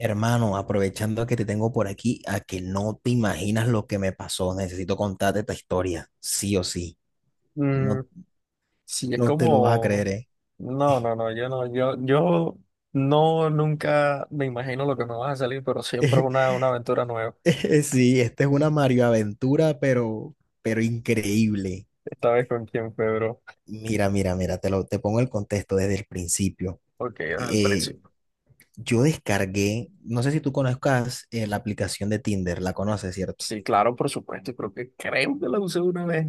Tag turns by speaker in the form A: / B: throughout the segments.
A: Hermano, aprovechando que te tengo por aquí, a que no te imaginas lo que me pasó. Necesito contarte esta historia, sí o sí.
B: Mm,
A: No,
B: sí, es
A: no te lo vas a
B: como,
A: creer, ¿eh?
B: no, no, no, yo no, yo no, nunca me imagino lo que me va a salir, pero siempre es una aventura nueva.
A: Sí, esta es una Mario Aventura, pero increíble.
B: Esta vez con quién, Pedro.
A: Mira, mira, mira, te pongo el contexto desde el principio.
B: Ok, al
A: Eh,
B: principio.
A: yo descargué, no sé si tú conozcas la aplicación de Tinder, la conoces, ¿cierto?
B: Sí, claro, por supuesto, y creo que la usé una vez,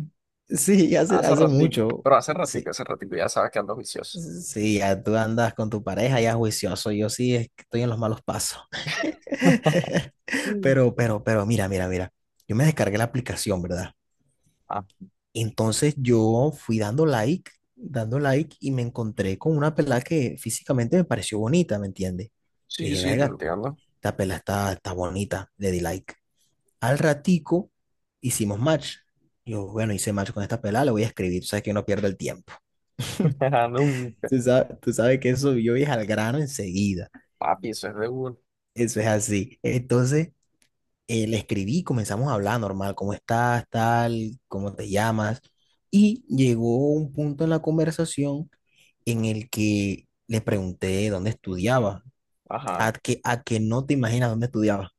A: Sí,
B: hace
A: hace
B: ratito,
A: mucho.
B: pero
A: Sí,
B: hace ratito, ya sabes que ando vicioso.
A: sí, ya tú andas con tu pareja ya juicioso. Yo sí es que estoy en los malos pasos.
B: Mm.
A: Pero, mira, mira, mira. Yo me descargué la aplicación, ¿verdad?
B: Ah,
A: Entonces yo fui dando like y me encontré con una pelada que físicamente me pareció bonita, ¿me entiendes?
B: sí,
A: Dije,
B: sí, te
A: venga,
B: entiendo.
A: esta pelada está bonita, le di like. Al ratico hicimos match. Yo, bueno, hice match con esta pelada, le voy a escribir, tú sabes que uno pierde el tiempo.
B: Ajá, nunca.
A: Tú sabes que eso yo es al grano enseguida.
B: Papi, eso es de uno.
A: Eso es así. Entonces, le escribí, comenzamos a hablar normal, ¿cómo estás, tal, cómo te llamas? Y llegó un punto en la conversación en el que le pregunté dónde estudiaba,
B: Ajá.
A: a que no te imaginas dónde estudiaba,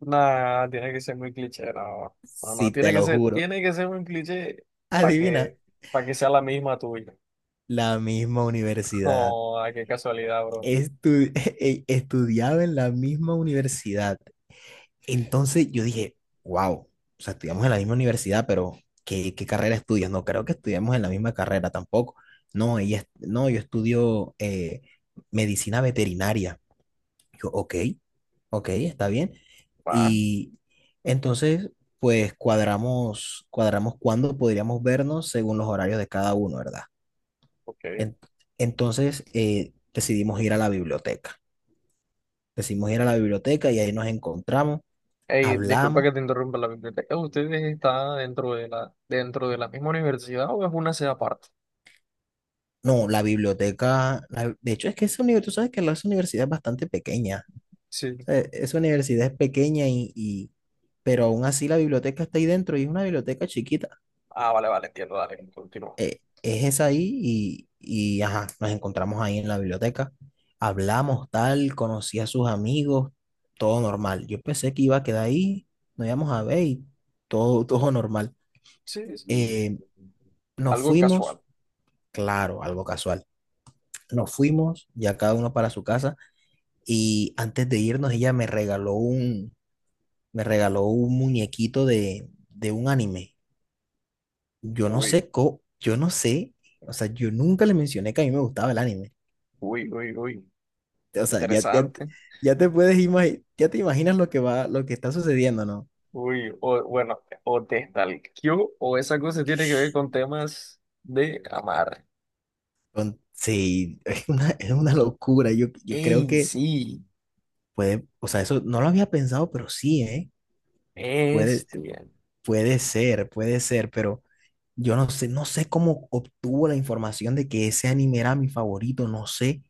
B: Nah, tiene que ser muy cliché, no. No, no,
A: si te lo juro.
B: tiene que ser un cliché para
A: Adivina,
B: que, para que sea la misma tuya.
A: la misma universidad.
B: Oh, ay, qué casualidad, bro.
A: Estu- estudiaba en la misma universidad. Entonces yo dije, wow, o sea, estudiamos en la misma universidad, pero ¿qué carrera estudias? No creo que estudiamos en la misma carrera tampoco. No, no, yo estudio medicina veterinaria. Yo, ok, ok, está bien.
B: Va,
A: Y entonces, pues cuadramos cuándo podríamos vernos según los horarios de cada uno, ¿verdad?
B: ok.
A: En- entonces, decidimos ir a la biblioteca. Decidimos ir a la biblioteca y ahí nos encontramos,
B: Ey, disculpa
A: hablamos.
B: que te interrumpa la biblioteca. ¿Ustedes están dentro de la misma universidad o es una sede aparte?
A: No, la biblioteca, de hecho es que esa universidad, tú sabes que la esa universidad es bastante pequeña. O
B: Sí.
A: sea, esa universidad es pequeña y, pero aún así la biblioteca está ahí dentro y es una biblioteca chiquita.
B: Ah, vale, vale, entiendo, dale, continúa.
A: Es esa ahí ajá, nos encontramos ahí en la biblioteca. Hablamos tal, conocí a sus amigos, todo normal. Yo pensé que iba a quedar ahí, nos íbamos a ver y todo, todo normal.
B: Sí, sí.
A: Eh, nos
B: Algo casual.
A: fuimos, claro, algo casual. Nos fuimos, ya cada uno para su casa. Y antes de irnos, ella me regaló me regaló un muñequito de un anime. Yo no
B: Uy,
A: sé, o sea, yo nunca le mencioné que a mí me gustaba el anime.
B: uy, uy, uy.
A: O sea, ya, ya,
B: Interesante.
A: ya te puedes imaginar, ya te imaginas lo que va, lo que está sucediendo, ¿no?
B: Uy, o, bueno, o te stalkeó o esa cosa tiene que ver con temas de amar.
A: Sí, es una locura. Yo creo
B: ¡Ey,
A: que
B: sí!
A: puede, o sea, eso no lo había pensado, pero sí, ¿eh? Puede,
B: Este,
A: puede ser, pero... Yo no sé, no sé cómo obtuvo la información de que ese anime era mi favorito, no sé,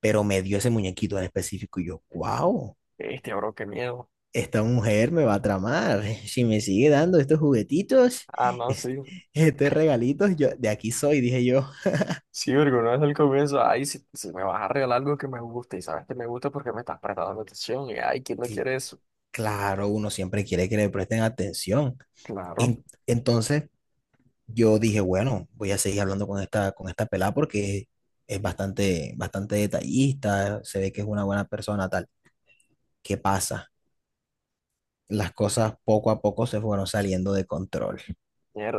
A: pero me dio ese muñequito en específico y yo, wow,
B: este, bro, qué miedo.
A: esta mujer me va a tramar. Si me sigue dando estos juguetitos,
B: Ah, no,
A: est-
B: sí.
A: estos regalitos, yo de aquí soy, dije yo.
B: Sí, porque no es el comienzo. Ay, si, si me vas a regalar algo que me gusta y sabes que me gusta porque me estás prestando atención y ay, ¿quién no
A: Y
B: quiere eso?
A: claro, uno siempre quiere que le presten atención.
B: Claro,
A: Entonces yo dije, bueno, voy a seguir hablando con con esta pelada porque es bastante, bastante detallista, se ve que es una buena persona, tal. ¿Qué pasa? Las cosas poco a poco se fueron saliendo de control.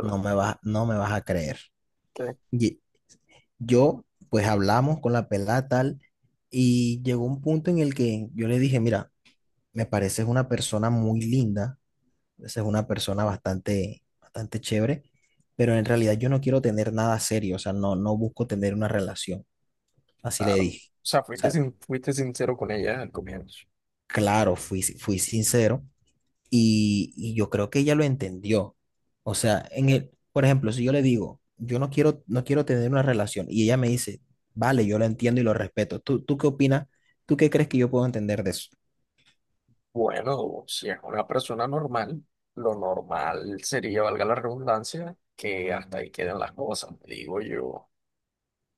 A: No me vas a creer. Y yo, pues hablamos con la pelada tal y llegó un punto en el que yo le dije, mira, me pareces una persona muy linda, es una persona bastante, bastante chévere, pero en realidad yo no quiero tener nada serio, o sea, no, no busco tener una relación. Así le
B: Claro. O
A: dije.
B: sea,
A: O
B: fuiste,
A: sea,
B: sin- fuiste sincero con ella al comienzo.
A: claro, fui sincero. Y yo creo que ella lo entendió. O sea, en el, por ejemplo, si yo le digo, yo no quiero, no quiero tener una relación, y ella me dice, vale, yo lo entiendo y lo respeto. ¿Tú qué opinas? ¿Tú qué crees que yo puedo entender de eso?
B: Bueno, si es una persona normal, lo normal sería, valga la redundancia, que hasta ahí queden las cosas, digo yo.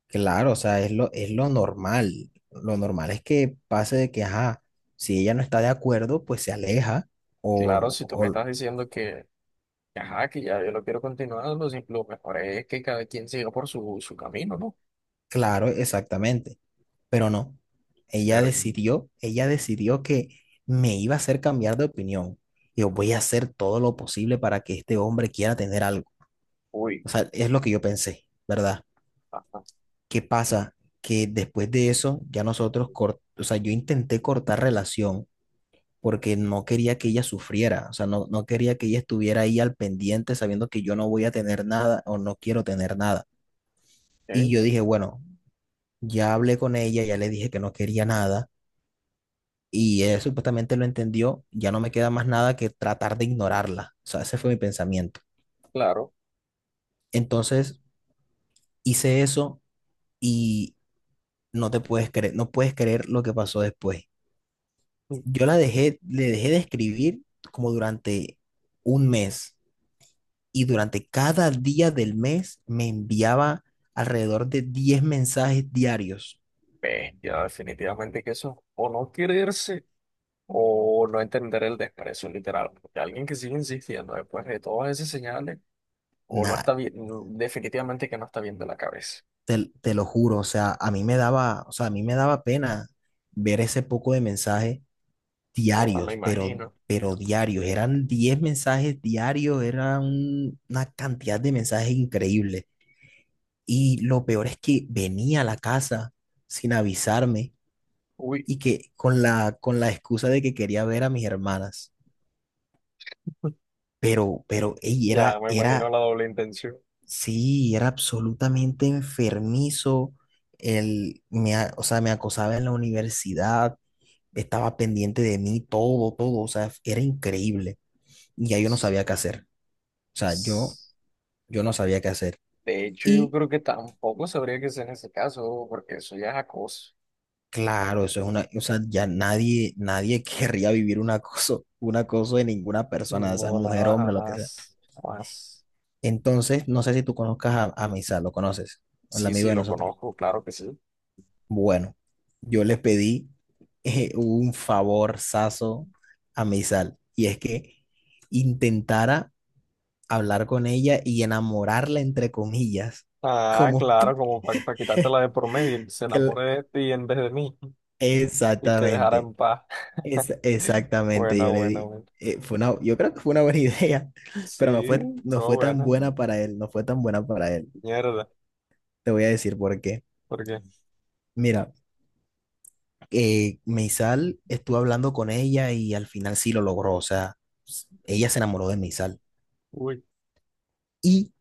A: Claro, o sea, es lo normal. Lo normal es que pase de que, ajá, si ella no está de acuerdo, pues se aleja.
B: Claro, si tú me
A: O
B: estás diciendo que ajá, que ya yo lo quiero continuar, lo mejor es que cada quien siga por su, su camino, ¿no?
A: claro, exactamente. Pero no,
B: Ver,
A: ella decidió que me iba a hacer cambiar de opinión. Yo voy a hacer todo lo posible para que este hombre quiera tener algo.
B: uy,
A: O sea, es lo que yo pensé, ¿verdad?
B: ajá,
A: ¿Qué pasa? Que después de eso, ya nosotros, o sea, yo intenté cortar relación porque no quería que ella sufriera, o sea, no, no quería que ella estuviera ahí al pendiente sabiendo que yo no voy a tener nada o no quiero tener nada. Y
B: eh,
A: yo dije, bueno, ya hablé con ella, ya le dije que no quería nada y él supuestamente lo entendió, ya no me queda más nada que tratar de ignorarla. O sea, ese fue mi pensamiento.
B: claro.
A: Entonces hice eso y no te puedes creer, no puedes creer lo que pasó después. Yo la dejé, le dejé de escribir como durante un mes y durante cada día del mes me enviaba alrededor de 10 mensajes diarios.
B: Ve, ya definitivamente que eso, o no quererse, o no entender el desprecio literal, porque alguien que sigue insistiendo después de todas esas señales, o no
A: Nada,
B: está bien, definitivamente que no está bien de la cabeza,
A: te lo juro, o sea, a mí me daba pena ver ese poco de mensaje
B: o ah, me
A: diarios,
B: imagino,
A: pero diarios. Eran 10 mensajes diarios, era una cantidad de mensajes increíble. Y lo peor es que venía a la casa sin avisarme
B: uy,
A: y que con con la excusa de que quería ver a mis hermanas. Pero, ey,
B: ya
A: era,
B: me imagino
A: era,
B: la doble intención.
A: sí, era absolutamente enfermizo. O sea, me acosaba en la universidad, estaba pendiente de mí, todo, todo, o sea, era increíble. Y ya yo no
B: S-
A: sabía qué hacer. O sea,
B: s-
A: yo no sabía qué hacer.
B: De hecho, yo
A: Y
B: creo que tampoco sabría que sea en ese caso, porque eso ya es acoso.
A: claro, eso es una, o sea, ya nadie, nadie querría vivir un acoso de ninguna persona, o sea
B: No,
A: mujer,
B: nada,
A: hombre, lo que sea.
B: jamás, jamás.
A: Entonces, no sé si tú conozcas a Misal, ¿lo conoces? El
B: Sí,
A: amigo
B: sí,
A: de
B: lo
A: nosotros.
B: conozco, claro que sí.
A: Bueno, yo le pedí un favorzazo a Misal, y es que intentara hablar con ella y enamorarla, entre comillas,
B: Ah,
A: como...
B: claro, como para quitarte la de por medio, y se
A: que la-
B: enamore de ti en vez de mí y te dejara
A: exactamente.
B: en paz.
A: Exactamente, yo
B: Bueno,
A: le
B: bueno,
A: di.
B: bueno.
A: Fue una, yo creo que fue una buena idea, pero
B: Sí,
A: no
B: todo
A: fue tan
B: bueno.
A: buena para él, no fue tan buena para él.
B: Mierda,
A: Te voy a decir por qué.
B: porque,
A: Mira, Meisal estuvo hablando con ella y al final sí lo logró, o sea, ella se enamoró de Meisal.
B: uy,
A: Y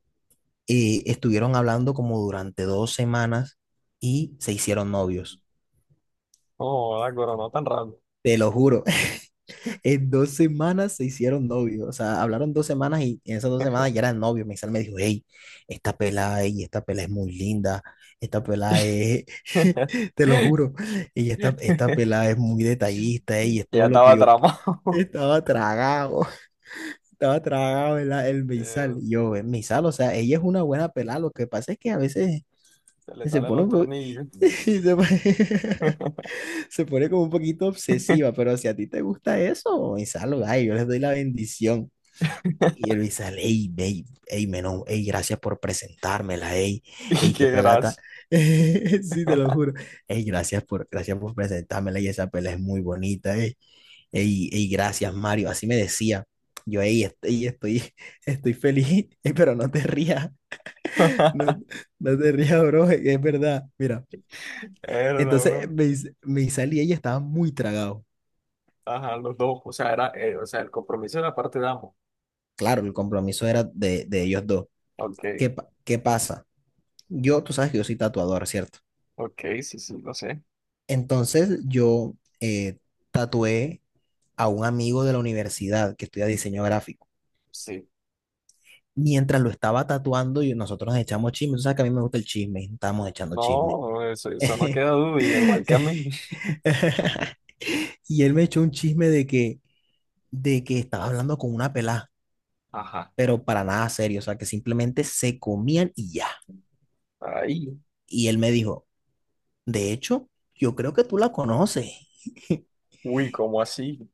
A: estuvieron hablando como durante 2 semanas y se hicieron novios.
B: oh, la coronó no tan rápido.
A: Te lo juro, en 2 semanas se hicieron novios, o sea, hablaron 2 semanas y en esas 2 semanas ya eran novios. Meisal me dijo, hey, esta pelada, ey, esta pelada es muy linda, esta pelada es, te lo juro, y esta pelada es muy detallista, y es
B: Ya
A: todo lo que
B: estaba
A: yo
B: tramado.
A: estaba tragado, estaba tragado el Meisal.
B: Mierda,
A: Y yo, el Meisal, o sea, ella es una buena pelada, lo que pasa es que a veces
B: se le
A: se
B: salen
A: pone,
B: los
A: un po-
B: tornillos.
A: se pone- se pone como un poquito obsesiva, pero si a ti te gusta eso, Gonzalo, ay, yo les doy la bendición. Y él me dice, hey, menón, hey, gracias por presentármela, hey,
B: Y
A: hey, qué
B: qué
A: pelata.
B: gracia.
A: Sí, te lo juro. Hey, gracias por presentármela y esa pela es muy bonita, hey, gracias, Mario. Así me decía. Yo, hey, estoy feliz. Ey, pero no te rías, no, no te rías, bro, es verdad. Mira,
B: Era,
A: entonces
B: bro.
A: me salí y ella estaba muy tragado.
B: Ajá, los dos. O sea, era, o sea, el compromiso de la parte de ambos.
A: Claro, el compromiso era de ellos dos.
B: Ok,
A: ¿Qué pasa? Yo, tú sabes que yo soy tatuador, ¿cierto?
B: ok, sí, sí, no sé.
A: Entonces yo eh, tatué a un amigo de la universidad que estudia diseño gráfico.
B: Sí.
A: Mientras lo estaba tatuando, yo, nosotros nos echamos chisme. Tú sabes que a mí me gusta el chisme, estábamos echando chisme.
B: No, eso no queda duda, y igual que a mí.
A: Y él me echó un chisme de que estaba hablando con una pelá,
B: Ajá.
A: pero para nada serio, o sea, que simplemente se comían y ya.
B: Ahí.
A: Y él me dijo, de hecho, yo creo que tú la conoces.
B: Uy, ¿cómo así?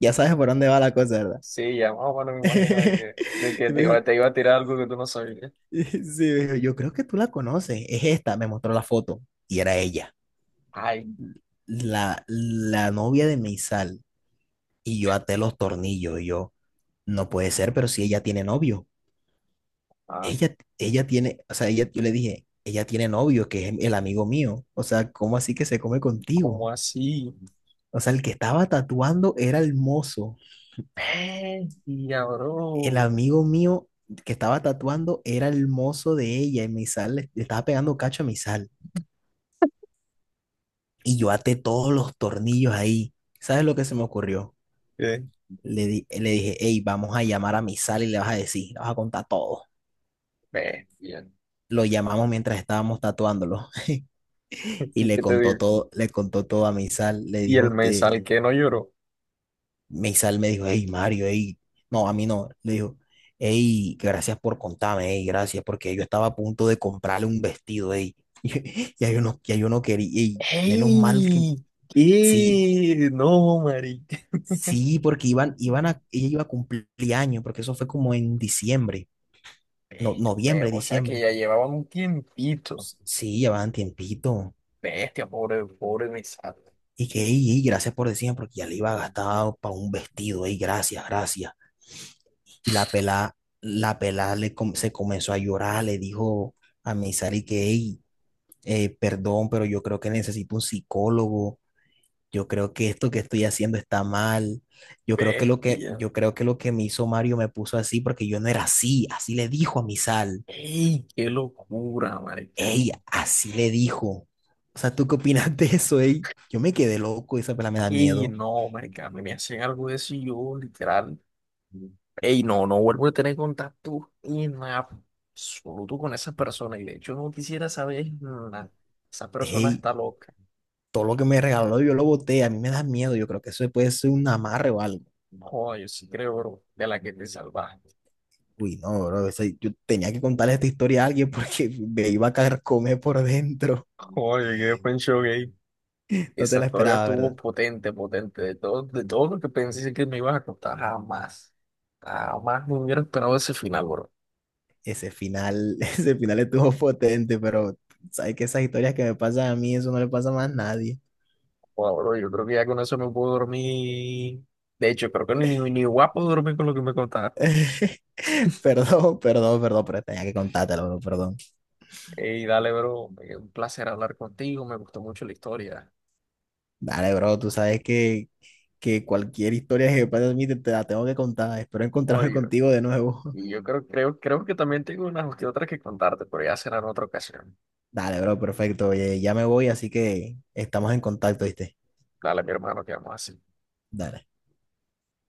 A: Ya sabes por dónde va la cosa, ¿verdad?
B: Sí, ya más o menos me imagino de que
A: Y me dijo,
B: te iba a tirar algo que tú no sabías.
A: sí, me dijo, yo creo que tú la conoces, es esta, me mostró la foto y era ella,
B: Ay,
A: la novia de Meisal. Y yo até los tornillos y yo, no puede ser, pero si ella tiene novio,
B: ah,
A: ella tiene, o sea, ella, yo le dije, ella tiene novio, que es el amigo mío, o sea, ¿cómo así que se come
B: ¿cómo
A: contigo?
B: así?
A: O sea, el que estaba tatuando era el mozo,
B: Bestia,
A: el
B: bro.
A: amigo mío que estaba tatuando era el mozo de ella y Meisal le estaba pegando cacho a Meisal. Y yo até todos los tornillos ahí. ¿Sabes lo que se me ocurrió?
B: ¿Qué?
A: Le dije, hey, vamos a llamar a mi sal y le vas a decir, le vas a contar todo.
B: Bestia.
A: Lo llamamos mientras estábamos tatuándolo y
B: ¿Y qué te digo?
A: le contó todo a mi. Le
B: Y el
A: dijo,
B: mensal
A: te...
B: que no lloró.
A: mi me dijo, hey, Mario, hey, no, a mí no. Le dijo, hey, gracias por contarme, hey, gracias, porque yo estaba a punto de comprarle un vestido, hey. Y yo no, ya yo no quería, hey, menos mal que,
B: ¡Ey!
A: sí.
B: ¿Qué? No, marica.
A: Sí, porque ella iba a cumplir años, porque eso fue como en diciembre, no,
B: Bestia, ve,
A: noviembre,
B: o sea que
A: diciembre.
B: ya llevaba un tiempito.
A: Sí, llevaban tiempito.
B: Bestia, pobre, pobre Misato.
A: Y que, y, gracias por decirme, porque ya le iba a gastar para un vestido, y gracias, gracias. Y la pelá se comenzó a llorar, le dijo a Misari que, ey, perdón, pero yo creo que necesito un psicólogo. Yo creo que esto que estoy haciendo está mal. Yo creo
B: Bestia.
A: yo creo que lo que me hizo Mario me puso así porque yo no era así. Así le dijo a mi sal.
B: ¡Ey! ¡Qué locura, marica!
A: Ey, así le dijo. O sea, ¿tú qué opinas de eso, ey? Yo me quedé loco, esa pela me da
B: ¡Ey!
A: miedo.
B: No, marica, me hacen algo de eso y yo, literal. ¡Ey! No, no vuelvo a tener contacto en absoluto con esa persona. Y de hecho no quisiera saber nada. Esa persona
A: Ey,
B: está loca.
A: todo lo que me regaló yo lo boté, a mí me da miedo. Yo creo que eso puede ser un amarre o algo.
B: No, yo sí creo, bro, de la que te salvaste.
A: Uy, no, bro, o yo tenía que contarle esta historia a alguien porque me iba a comer por dentro.
B: Joder, qué pencho gay.
A: No te
B: Esa
A: la
B: historia
A: esperaba,
B: estuvo
A: ¿verdad?
B: potente, potente. De todo lo que pensé que me ibas a contar, jamás. Jamás me hubiera esperado ese final, bro.
A: Ese final, ese final estuvo potente, pero sabes que esas historias que me pasan a mí, eso no le pasa más a nadie.
B: Joder, bro, yo creo que ya con eso me puedo dormir. De hecho, creo que ni, ni, ni guapo dormir con lo que me contaste.
A: Perdón, perdón, perdón, pero tenía que contártelo, bro, perdón.
B: Ey, dale, bro. Un placer hablar contigo. Me gustó mucho la historia.
A: Dale, bro, tú sabes que cualquier historia que me pase a mí te la tengo que contar. Espero
B: No,
A: encontrarme
B: yo,
A: contigo de nuevo.
B: y yo creo que también tengo unas que otras que contarte, pero ya será en otra ocasión.
A: Dale, bro, perfecto. Oye, ya me voy, así que estamos en contacto, ¿viste?
B: Dale, mi hermano, que vamos así.
A: Dale.